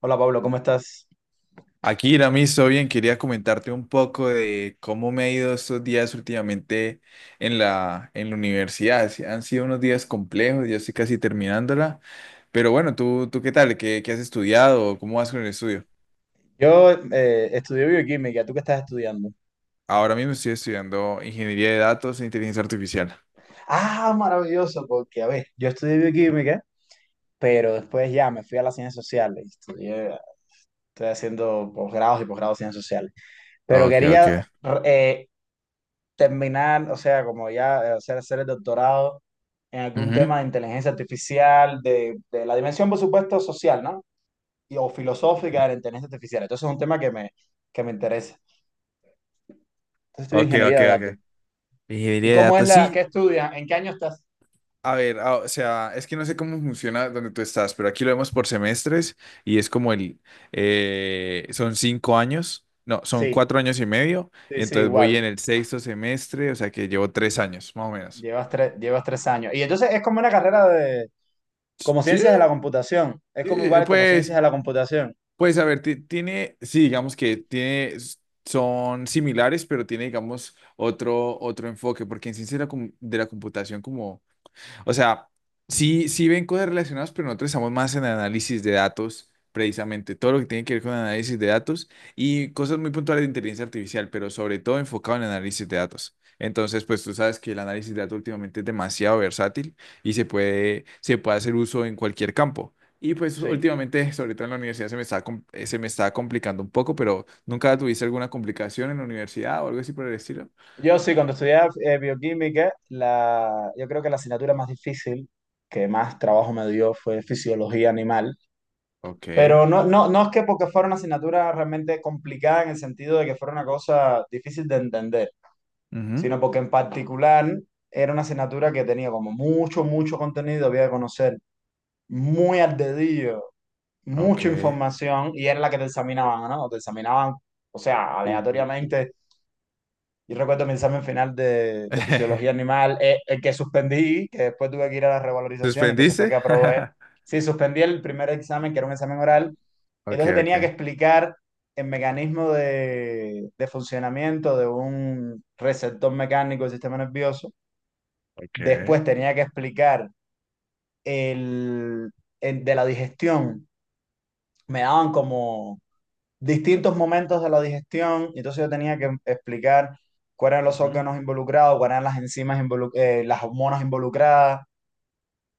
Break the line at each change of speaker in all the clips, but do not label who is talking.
Hola Pablo, ¿cómo estás?
Akira, me hizo bien. Quería comentarte un poco de cómo me ha ido estos días últimamente en la universidad. Sí, han sido unos días complejos, ya estoy casi terminándola. Pero bueno, ¿tú qué tal? ¿Qué has estudiado? ¿Cómo vas con el estudio?
Yo estudié bioquímica, ¿tú qué estás estudiando?
Ahora mismo estoy estudiando ingeniería de datos e inteligencia artificial.
Ah, maravilloso, porque a ver, yo estudié bioquímica, pero después ya me fui a las ciencias sociales, estudié, estoy haciendo posgrados y posgrados en ciencias sociales, pero
Ok,
quería
ok.
eh, terminar, o sea, como ya hacer el doctorado en algún
Ujú.
tema de inteligencia artificial, de la dimensión, por supuesto, social, ¿no? Y, o filosófica de la inteligencia artificial. Entonces es un tema que me interesa. Entonces estudio
Ok,
ingeniería
ok,
de datos.
ok.
¿Y
Ingeniería de
cómo es
datos,
la,
sí.
qué estudias? ¿En qué año estás?
A ver, o sea, es que no sé cómo funciona donde tú estás, pero aquí lo vemos por semestres y es como son 5 años, no, son
Sí,
4 años y medio,
sí,
y
sí,
entonces voy en
igual.
el sexto semestre, o sea que llevo 3 años, más o menos.
Llevas tres años. Y entonces es como una carrera de, como
Sí,
ciencias de la computación. Es como
sí,
igual como ciencias
pues,
de la computación.
pues a ver, sí, digamos que tiene, son similares, pero tiene, digamos, otro enfoque, porque en ciencia de la computación, como o sea, sí, sí ven cosas relacionadas, pero nosotros estamos más en análisis de datos, precisamente, todo lo que tiene que ver con análisis de datos y cosas muy puntuales de inteligencia artificial, pero sobre todo enfocado en análisis de datos. Entonces, pues tú sabes que el análisis de datos últimamente es demasiado versátil y se puede hacer uso en cualquier campo. Y pues
Sí.
últimamente, sobre todo en la universidad, se me está complicando un poco, pero ¿nunca tuviste alguna complicación en la universidad o algo así por el estilo?
Yo sí, cuando estudié bioquímica, la, yo creo que la asignatura más difícil, que más trabajo me dio, fue fisiología animal.
Ok.
Pero no es que porque fuera una asignatura realmente complicada en el sentido de que fuera una cosa difícil de entender.
Ujú.
Sino porque en particular era una asignatura que tenía como mucho, mucho contenido, había que conocer muy al dedillo,
Ok.
mucha información y era la que te examinaban, ¿no? Te examinaban, o sea,
Uh.
aleatoriamente. Yo recuerdo mi examen final de fisiología animal, el que suspendí, que después tuve que ir a la revalorización, entonces fue que
¿Suspendiste?
aprobé. Sí, suspendí el primer examen, que era un examen oral,
Ok,
entonces tenía que
ok.
explicar el mecanismo de funcionamiento de un receptor mecánico del sistema nervioso.
Ok.
Después tenía que explicar el, el de la digestión. Me daban como distintos momentos de la digestión, y entonces yo tenía que explicar cuáles eran los
Ujú.
órganos involucrados, cuáles eran las enzimas, las hormonas involucradas.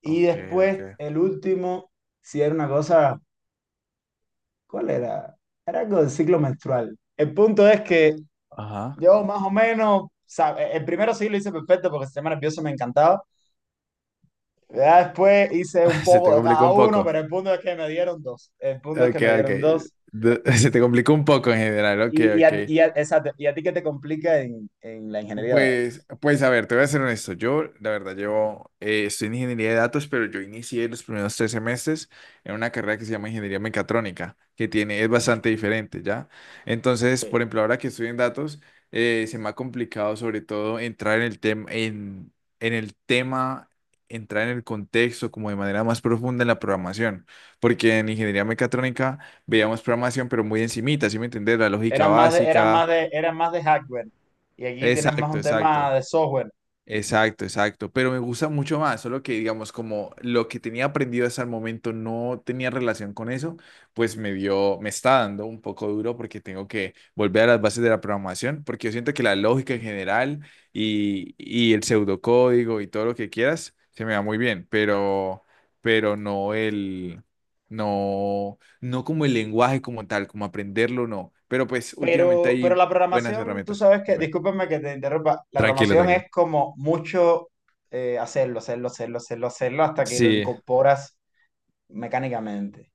Y
Ok, ok.
después, el último, si era una cosa, ¿cuál era? Era algo del ciclo menstrual. El punto es que
Ajá.
yo más o menos, sabe, el primero sí lo hice perfecto porque el sistema nervioso me encantaba. Ya después hice un
Se te
poco de
complicó
cada
un
uno,
poco.
pero el punto es que me dieron dos. El punto es que
Ok,
me
ok.
dieron dos.
Se te complicó un poco en general. Ok, ok.
Exacto, y a ti que te complica en la ingeniería de datos.
Pues a ver, te voy a ser honesto. Yo, la verdad, llevo, estoy en ingeniería de datos, pero yo inicié los primeros 3 semestres en una carrera que se llama ingeniería mecatrónica, es bastante diferente, ¿ya? Entonces,
Sí.
por ejemplo, ahora que estoy en datos, se me ha complicado sobre todo en el tema, entrar en el contexto como de manera más profunda en la programación, porque en ingeniería mecatrónica veíamos programación, pero muy encimita, ¿sí me entiendes? La lógica básica.
Eran más de hardware. Y aquí tienes más
Exacto,
un
exacto.
tema de software.
Exacto, exacto, pero me gusta mucho más, solo que digamos como lo que tenía aprendido hasta el momento no tenía relación con eso, pues me está dando un poco duro porque tengo que volver a las bases de la programación, porque yo siento que la lógica en general y el pseudocódigo y todo lo que quieras se me da muy bien, pero, pero no como el lenguaje como tal, como aprenderlo, no, pero pues últimamente
Pero
hay
la
buenas
programación, tú
herramientas,
sabes que,
dime.
discúlpame que te interrumpa, la
Tranquilo,
programación
tranquilo.
es como mucho hacerlo hasta que lo
Sí,
incorporas mecánicamente.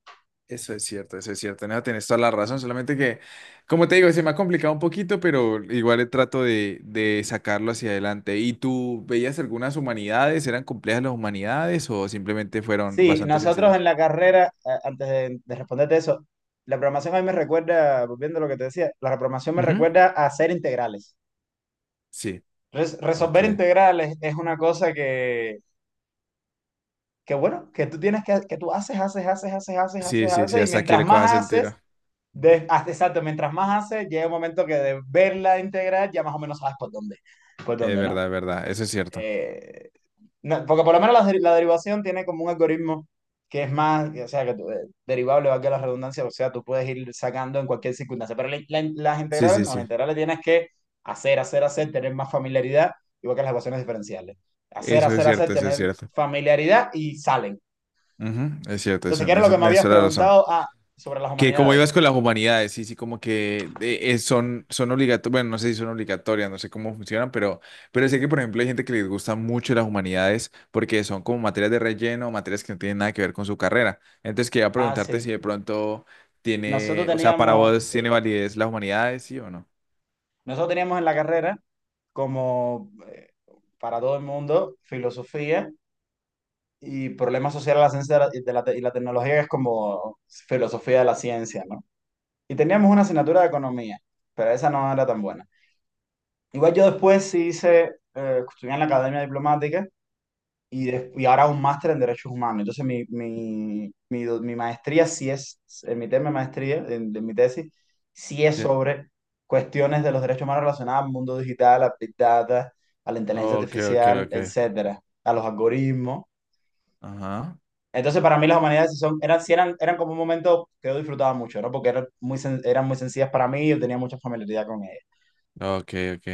eso es cierto, eso es cierto. No, tienes toda la razón. Solamente que, como te digo, se me ha complicado un poquito, pero igual le trato de sacarlo hacia adelante. ¿Y tú veías algunas humanidades? ¿Eran complejas las humanidades o simplemente fueron
Sí,
bastante
nosotros en
sencillas?
la carrera, antes de responderte eso, la programación a mí me recuerda, volviendo a lo que te decía, la programación me
Ujú.
recuerda a hacer integrales.
Sí, ok.
Resolver integrales es una cosa que bueno, que tú tienes que tú haces, haces, haces, haces, haces,
Sí,
haces,
sí, sí,
haces, y
hasta que
mientras
le cojas
más
el tiro.
haces,
Ujú.
exacto, mientras más haces, llega un momento que de verla integral ya más o menos sabes por dónde, ¿no?
Es verdad, eso es cierto.
Eh, No, porque por lo menos la, la derivación tiene como un algoritmo que es más, o sea, que derivable, valga la redundancia, o sea, tú puedes ir sacando en cualquier circunstancia, pero las
Sí,
integrales
sí,
no, las
sí.
integrales tienes que tener más familiaridad, igual que las ecuaciones diferenciales.
Eso es cierto, eso es
Tener
cierto.
familiaridad y salen.
Ujú. Es cierto,
Entonces,
eso,
¿qué
en
era lo
eso
que me
tienes
habías
toda la razón.
preguntado? Ah, sobre las
Que como
humanidades.
ibas con las humanidades, sí, sí, como que son obligatorias, bueno, no sé si son obligatorias, no sé cómo funcionan, pero sé que, por ejemplo, hay gente que les gusta mucho las humanidades porque son como materias de relleno, materias que no tienen nada que ver con su carrera. Entonces, quería
Ah,
preguntarte si
sí.
de pronto
Nosotros
tiene, o sea, para
teníamos,
vos tiene
sí.
validez las humanidades, sí o no.
Nosotros teníamos en la carrera como para todo el mundo filosofía y problemas sociales de la ciencia y la tecnología es como filosofía de la ciencia, ¿no? Y teníamos una asignatura de economía, pero esa no era tan buena. Igual yo después sí hice, estudié en la Academia Diplomática y, y ahora un máster en Derechos Humanos. Entonces mi maestría sí es, en mi tema de maestría, en, de mi tesis, sí es
¿Sí?
sobre cuestiones de los derechos humanos relacionadas al mundo digital, a Big Data, a la inteligencia
Ok, ok,
artificial,
ok.
etcétera, a los algoritmos.
Ajá.
Entonces, para mí las humanidades sí son, eran, sí eran, eran como un momento que yo disfrutaba mucho, ¿no? Porque eran eran muy sencillas para mí y yo tenía mucha familiaridad con ellas.
Ok, ok.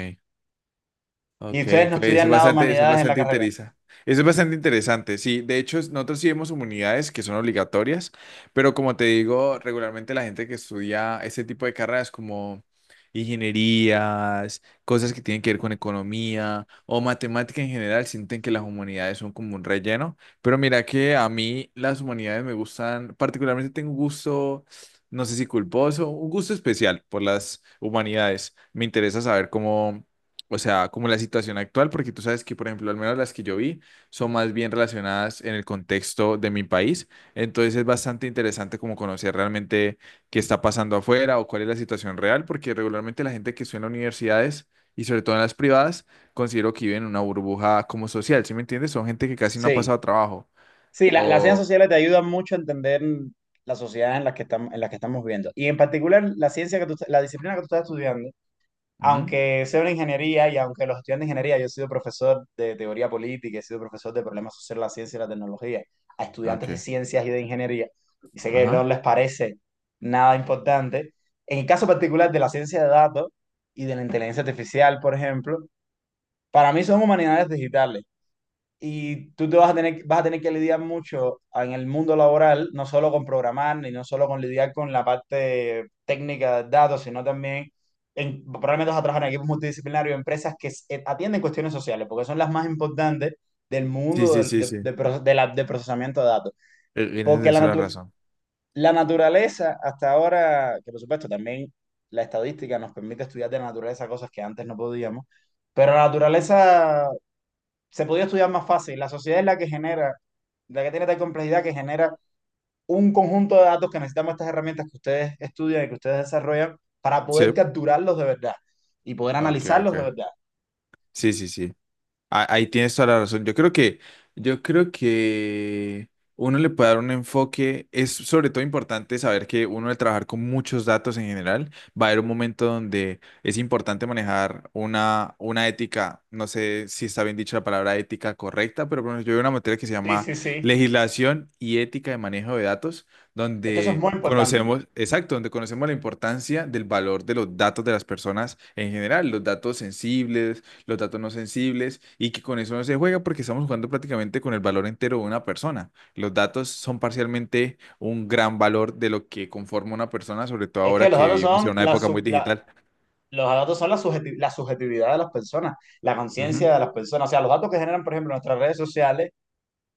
¿Y
Ok,
ustedes no estudian nada de
eso es
humanidades en la
bastante
carrera?
interesante. Eso es bastante interesante, sí. De hecho, nosotros sí vemos unidades que son obligatorias, pero como te digo, regularmente la gente que estudia ese tipo de carreras como ingenierías, cosas que tienen que ver con economía o matemática en general, sienten que las humanidades son como un relleno. Pero mira que a mí las humanidades me gustan, particularmente tengo un gusto, no sé si culposo, un gusto especial por las humanidades. Me interesa saber cómo o sea, como la situación actual, porque tú sabes que, por ejemplo, al menos las que yo vi son más bien relacionadas en el contexto de mi país. Entonces es bastante interesante como conocer realmente qué está pasando afuera o cuál es la situación real, porque regularmente la gente que estudia en las universidades y sobre todo en las privadas, considero que viven en una burbuja como social, ¿sí me entiendes? Son gente que casi no ha pasado
Sí,
trabajo.
sí, las ciencias
O...
sociales te ayudan mucho a entender la sociedad en la que estamos, en la que estamos viviendo. Y en particular, la ciencia que tú, la disciplina que tú estás estudiando,
Ujú.
aunque sea una ingeniería y aunque los estudiantes de ingeniería, yo he sido profesor de teoría política, he sido profesor de problemas sociales, la ciencia y la tecnología, a estudiantes de
Ok.
ciencias y de ingeniería, y sé que no
Ajá.
les parece nada importante. En el caso particular de la ciencia de datos y de la inteligencia artificial, por ejemplo, para mí son humanidades digitales. Y tú te vas a tener que lidiar mucho en el mundo laboral, no solo con programar, ni no solo con lidiar con la parte técnica de datos, sino también en, probablemente vas a trabajar en equipos multidisciplinarios, empresas que atienden cuestiones sociales, porque son las más importantes del
Sí,
mundo
sí,
del-
sí,
de,
sí.
de proce- de la- de procesamiento de datos.
En esa
Porque
es la razón.
la naturaleza, hasta ahora, que por supuesto también la estadística nos permite estudiar de la naturaleza cosas que antes no podíamos, pero la naturaleza se podía estudiar más fácil. La sociedad es la que genera, la que tiene tal complejidad que genera un conjunto de datos que necesitamos estas herramientas que ustedes estudian y que ustedes desarrollan para
Sí.
poder capturarlos de verdad y poder
Ok,
analizarlos de
ok.
verdad.
Sí, sí, sí. Ah, ahí tienes toda la razón. Yo creo que uno le puede dar un enfoque. Es sobre todo importante saber que uno al trabajar con muchos datos en general, va a haber un momento donde es importante manejar una ética, no sé si está bien dicha la palabra ética correcta, pero por ejemplo, yo veo una materia que se
Sí,
llama
sí, sí.
legislación y ética de manejo de datos,
Es que eso es
donde
muy importante.
conocemos, exacto, donde conocemos la importancia del valor de los datos de las personas en general, los datos sensibles los datos no sensibles y que con eso no se juega porque estamos jugando prácticamente con el valor entero de una persona. Los datos son parcialmente un gran valor de lo que conforma una persona, sobre todo
Es que
ahora
los
que
datos
vivimos
son
en una época muy digital.
los datos son la subjetividad de las personas, la conciencia
Ujú.
de las personas. O sea, los datos que generan, por ejemplo, nuestras redes sociales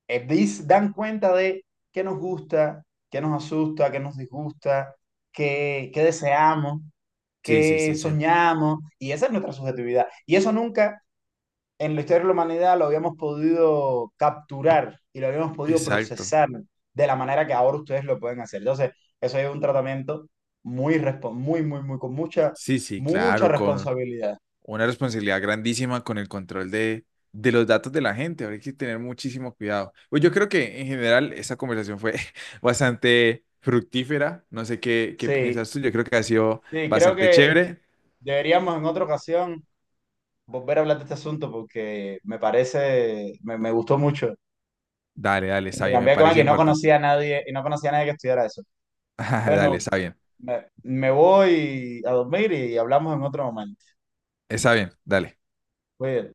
dan cuenta de qué nos gusta, qué nos asusta, qué nos disgusta, qué, qué deseamos,
Sí, sí,
qué
sí, sí.
soñamos, y esa es nuestra subjetividad. Y eso nunca en la historia de la humanidad lo habíamos podido capturar y lo habíamos podido
Exacto.
procesar de la manera que ahora ustedes lo pueden hacer. Entonces, eso es un tratamiento muy, con
Sí, sí,
mucha
claro, con
responsabilidad.
una responsabilidad grandísima con el control de los datos de la gente. Ahora hay que tener muchísimo cuidado. Pues yo creo que en general esa conversación fue bastante fructífera. No sé qué
Sí,
piensas tú. Yo creo que ha sido
sí, creo
bastante
que
chévere.
deberíamos en otra ocasión volver a hablar de este asunto porque me parece, me gustó mucho.
Dale, dale, está bien, me
Intercambiar con
parece
alguien, no
importante.
conocía a nadie y no conocía a nadie que estudiara eso.
Dale,
Bueno,
está bien.
me voy a dormir y hablamos en otro momento.
Está bien, dale.
Cuídate.